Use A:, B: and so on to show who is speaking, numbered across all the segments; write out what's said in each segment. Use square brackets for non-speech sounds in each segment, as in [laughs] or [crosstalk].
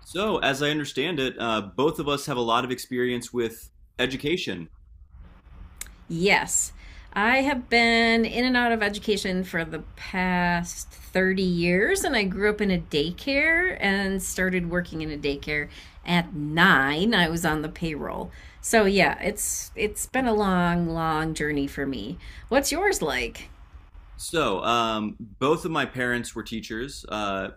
A: So, as I understand it, both of us have a lot of experience with education.
B: Yes. I have been in and out of education for the past 30 years, and I grew up in a daycare and started working in a daycare at nine. I was on the payroll. So yeah, it's been a long, long journey for me. What's yours like?
A: So, both of my parents were teachers.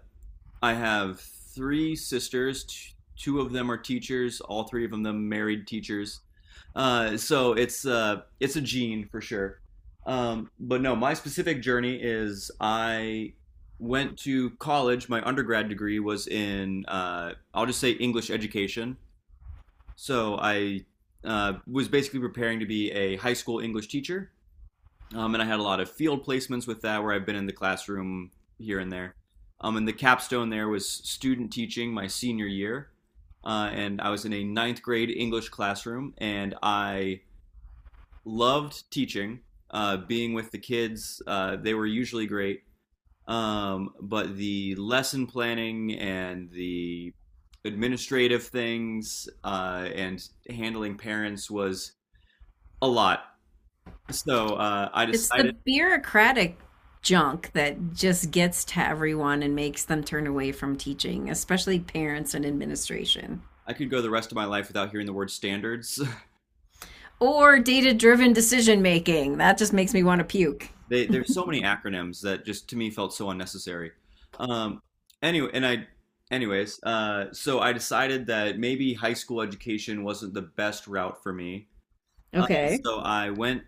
A: I have three sisters. Two of them are teachers. All three of them married teachers. So it's a gene for sure. But no, my specific journey is I went to college. My undergrad degree was in I'll just say English education. So I was basically preparing to be a high school English teacher, and I had a lot of field placements with that, where I've been in the classroom here and there. And the capstone there was student teaching my senior year, and I was in a ninth grade English classroom, and I loved teaching, being with the kids. They were usually great, but the lesson planning and the administrative things and handling parents was a lot. So uh, I
B: It's the
A: decided
B: bureaucratic junk that just gets to everyone and makes them turn away from teaching, especially parents and administration.
A: I could go the rest of my life without hearing the word standards.
B: Or data driven decision making. That just makes me want to puke.
A: [laughs] There's so many acronyms that just to me felt so unnecessary. Um, anyway, and I, so I decided that maybe high school education wasn't the best route for me. Uh,
B: Okay.
A: so I went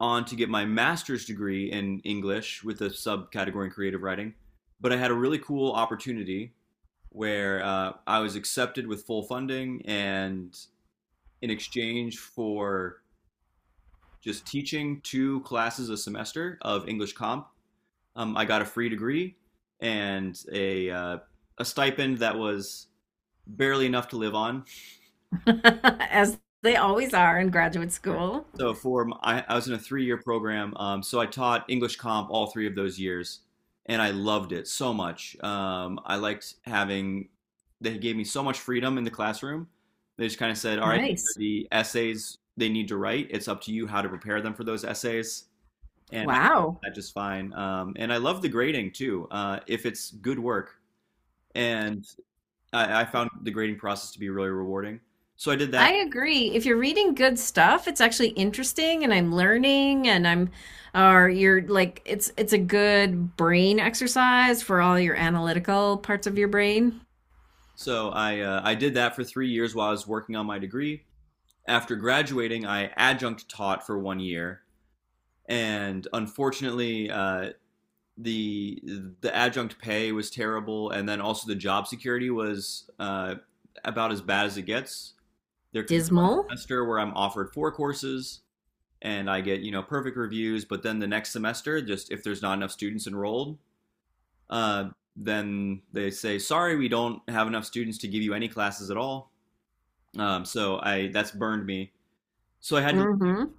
A: on to get my master's degree in English with a subcategory in creative writing. But I had a really cool opportunity where I was accepted with full funding, and in exchange for just teaching two classes a semester of English comp, I got a free degree and a stipend that was barely enough to live on.
B: [laughs] As they always are in graduate
A: Yeah.
B: school.
A: So for I was in a three-year program. So I taught English comp all three of those years, and I loved it so much. I liked having they gave me so much freedom in the classroom. They just kind of said, "All right, these are
B: Nice.
A: the essays they need to write. It's up to you how to prepare them for those essays." And I
B: Wow.
A: did that just fine. And I love the grading too, if it's good work. And I found the grading process to be really rewarding. So I did
B: I
A: that
B: agree. If you're reading good stuff, it's actually interesting and I'm learning and I'm or you're like it's a good brain exercise for all your analytical parts of your brain.
A: So I did that for 3 years while I was working on my degree. After graduating, I adjunct taught for 1 year, and unfortunately, the the adjunct pay was terrible, and then also the job security was about as bad as it gets. There could be one
B: Dismal.
A: semester where I'm offered four courses and I get, you know, perfect reviews, but then the next semester, just if there's not enough students enrolled, uh, then they say sorry, we don't have enough students to give you any classes at all. So I that's burned me. So I had to
B: Mm-hmm.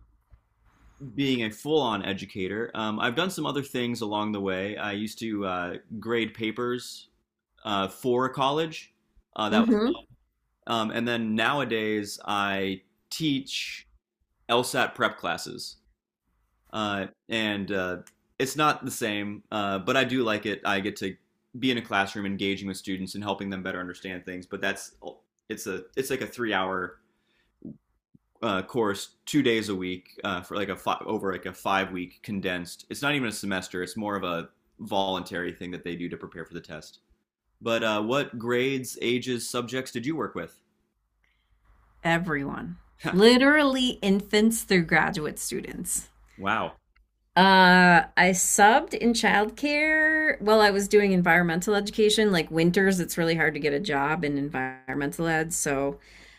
A: Being a full-on educator. I've done some other things along the way. I used to grade papers for college. Uh, that was,
B: Mm-hmm.
A: and then nowadays I teach LSAT prep classes, and it's not the same, but I do like it. I get to be in a classroom, engaging with students and helping them better understand things. But that's it's a it's like a three-hour course 2 days a week for like a over like a 5 week condensed. It's not even a semester. It's more of a voluntary thing that they do to prepare for the test. But what grades, ages, subjects did you work with? [laughs]
B: Everyone. Literally infants through graduate students.
A: Wow.
B: I subbed in childcare. Well, I was doing environmental education. Like winters, it's really hard to get a job in environmental ed. So,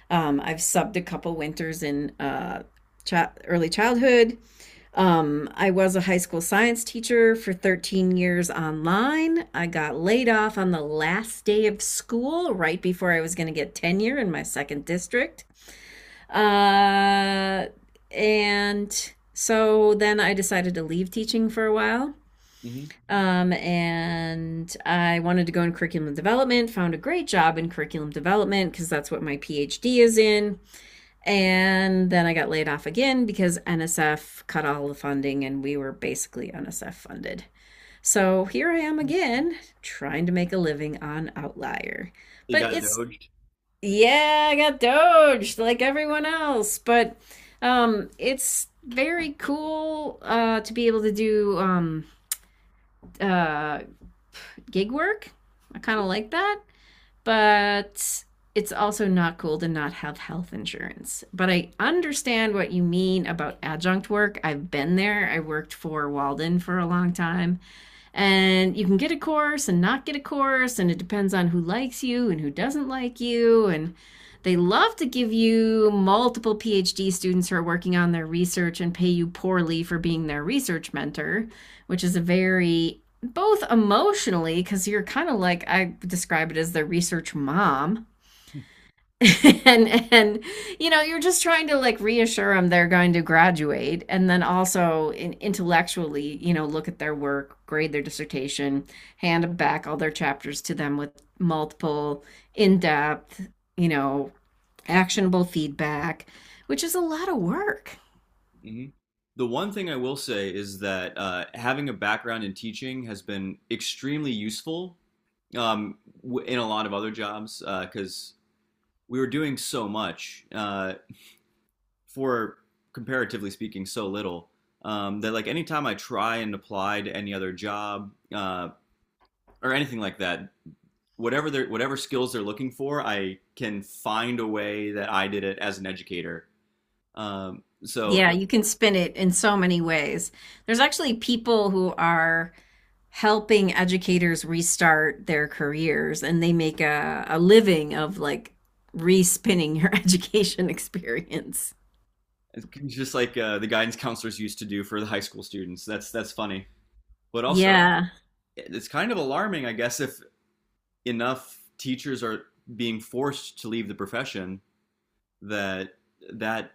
B: I've subbed a couple winters in early childhood. I was a high school science teacher for 13 years online. I got laid off on the last day of school, right before I was going to get tenure in my second district. Uh, and so then I decided to leave teaching for a while.
A: Mm-hmm.
B: And I wanted to go in curriculum development, found a great job in curriculum development because that's what my PhD is in. And then I got laid off again because NSF cut all the funding and we were basically NSF funded. So here I am again trying to make a living on Outlier.
A: You
B: But
A: got
B: it's,
A: doged.
B: yeah, I got doged like everyone else, but it's very cool to be able to do uh gig work. I kind of like that, but it's also not cool to not have health insurance. But I understand what you mean about adjunct work. I've been there. I worked for Walden for a long time, and you can get a course and not get a course, and it depends on who likes you and who doesn't like you. And they love to give you multiple PhD students who are working on their research and pay you poorly for being their research mentor, which is a very, both emotionally, because you're kind of like, I describe it as the research mom, [laughs] and you know you're just trying to like reassure them they're going to graduate, and then also intellectually, you know, look at their work, grade their dissertation, hand them back all their chapters to them with multiple in-depth, you know, actionable feedback, which is a lot of work.
A: Hmm. The one thing I will say is that having a background in teaching has been extremely useful, in a lot of other jobs because we were doing so much. For comparatively speaking so little, that like anytime I try and apply to any other job or anything like that, whatever skills they're looking for, I can find a way that I did it as an educator. So
B: Yeah, you can spin it in so many ways. There's actually people who are helping educators restart their careers, and they make a living of like respinning your [laughs] education experience.
A: it's just like the guidance counselors used to do for the high school students. That's funny, but also
B: Yeah.
A: it's kind of alarming, I guess, if enough teachers are being forced to leave the profession that that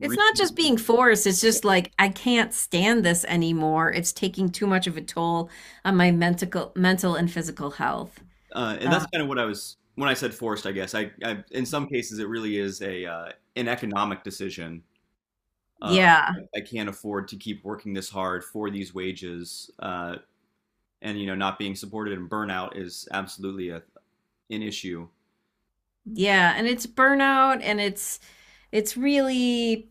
B: It's not just being forced, it's just like I can't stand this anymore. It's taking too much of a toll on my mental and physical health.
A: And that's
B: Uh,
A: kind of what I was when I said forced. I guess I in some cases it really is a an economic decision. Uh,
B: yeah.
A: I can't afford to keep working this hard for these wages, and you know, not being supported, and burnout is absolutely an issue.
B: Yeah, and it's burnout and it's really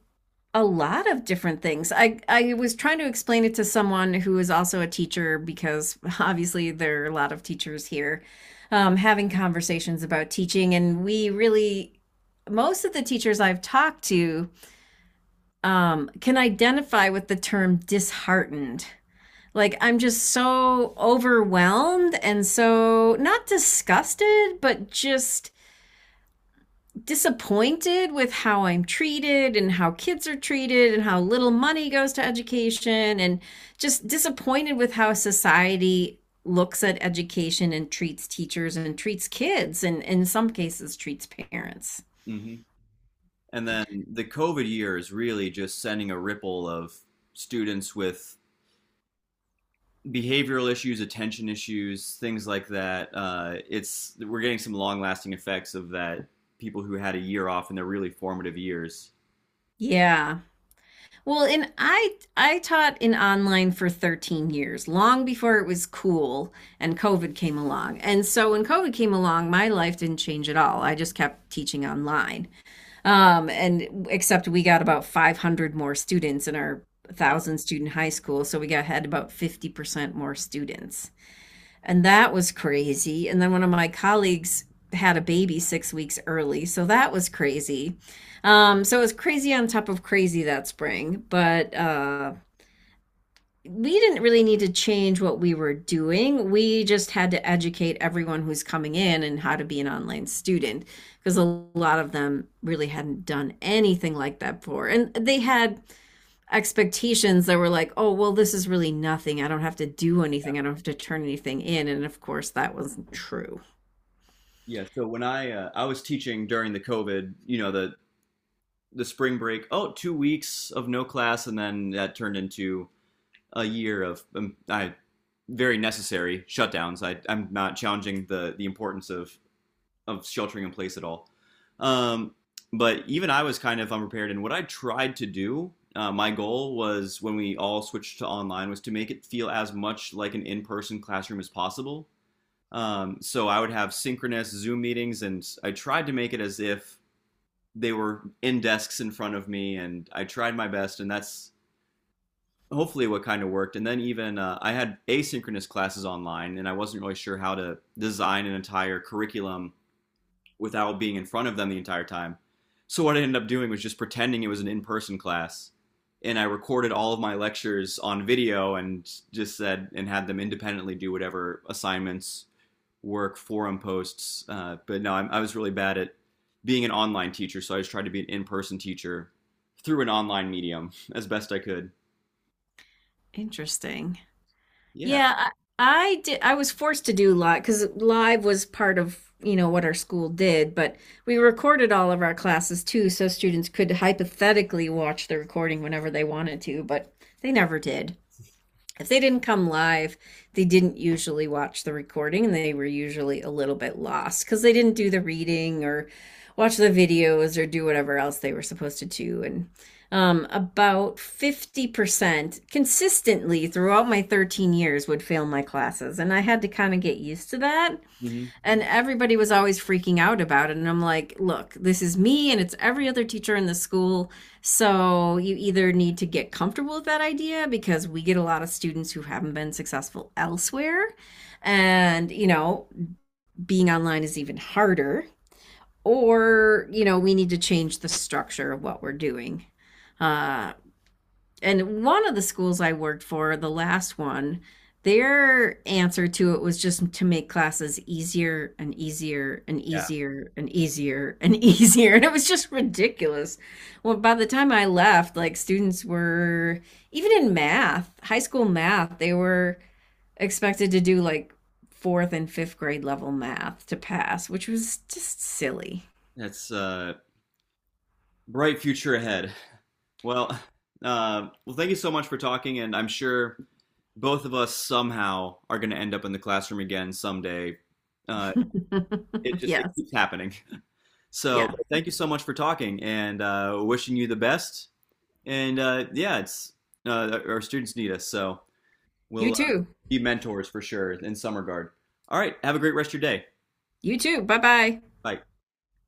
B: a lot of different things. I was trying to explain it to someone who is also a teacher because [laughs] obviously there are a lot of teachers here, having conversations about teaching, and we really, most of the teachers I've talked to, can identify with the term disheartened. Like I'm just so overwhelmed and so not disgusted, but just disappointed with how I'm treated and how kids are treated and how little money goes to education, and just disappointed with how society looks at education and treats teachers and treats kids and in some cases treats parents.
A: Hmm. And then the COVID year is really just sending a ripple of students with behavioral issues, attention issues, things like that. It's We're getting some long lasting effects of that. People who had a year off in their really formative years.
B: Yeah. Well, and I taught in online for 13 years, long before it was cool and COVID came along. And so when COVID came along, my life didn't change at all. I just kept teaching online. And except we got about 500 more students in our
A: Wow.
B: thousand student high school, so we got had about 50% more students, and that was crazy. And then one of my colleagues had a baby 6 weeks early, so that was crazy. So it was crazy on top of crazy that spring, but we didn't really need to change what we were doing. We just had to educate everyone who's coming in and how to be an online student because a lot of them really hadn't done anything like that before. And they had expectations that were like, oh, well, this is really nothing. I don't have to do anything. I don't have to turn anything in. And of course, that wasn't true.
A: Yeah. So when I was teaching during the COVID, you know, the spring break. Oh, 2 weeks of no class, and then that turned into a year of I very necessary shutdowns. I'm not challenging the importance of sheltering in place at all. Um, but even I was kind of unprepared. And what I tried to do, my goal was when we all switched to online, was to make it feel as much like an in-person classroom as possible. So I would have synchronous Zoom meetings, and I tried to make it as if they were in desks in front of me, and I tried my best, and that's hopefully what kind of worked. And then even I had asynchronous classes online, and I wasn't really sure how to design an entire curriculum without being in front of them the entire time. So what I ended up doing was just pretending it was an in-person class, and I recorded all of my lectures on video and just said and had them independently do whatever assignments, work, forum posts. But no, I was really bad at being an online teacher, so I just tried to be an in-person teacher through an online medium [laughs] as best I could.
B: Interesting.
A: Yeah,
B: Yeah, I did. I was forced to do live because live was part of, you know, what our school did, but we recorded all of our classes too, so students could hypothetically watch the recording whenever they wanted to, but they never did. If they didn't come live, they didn't usually watch the recording, and they were usually a little bit lost because they didn't do the reading or watch the videos or do whatever else they were supposed to do. And about 50% consistently throughout my 13 years would fail my classes. And I had to kind of get used to that,
A: hmm,
B: and everybody was always freaking out about it, and I'm like, look, this is me and it's every other teacher in the school, so you either need to get comfortable with that idea because we get a lot of students who haven't been successful elsewhere, and you know, being online is even harder, or you know, we need to change the structure of what we're doing. uh, and one of the schools I worked for, the last one, their answer to it was just to make classes easier and easier and
A: yeah,
B: easier and easier and easier. [laughs] And it was just ridiculous. Well, by the time I left, like students were, even in math, high school math, they were expected to do like fourth and fifth grade level math to pass, which was just silly.
A: that's a bright future ahead. Well, [laughs] well, thank you so much for talking, and I'm sure both of us somehow are going to end up in the classroom again someday. Uh, it
B: [laughs]
A: just it
B: Yes.
A: keeps happening. [laughs] So
B: Yeah.
A: thank you so much for talking and wishing you the best. And yeah, it's our students need us, so we'll
B: You too.
A: be mentors for sure in some regard. All right, have a great rest of your day.
B: You too. Bye bye.
A: Bye.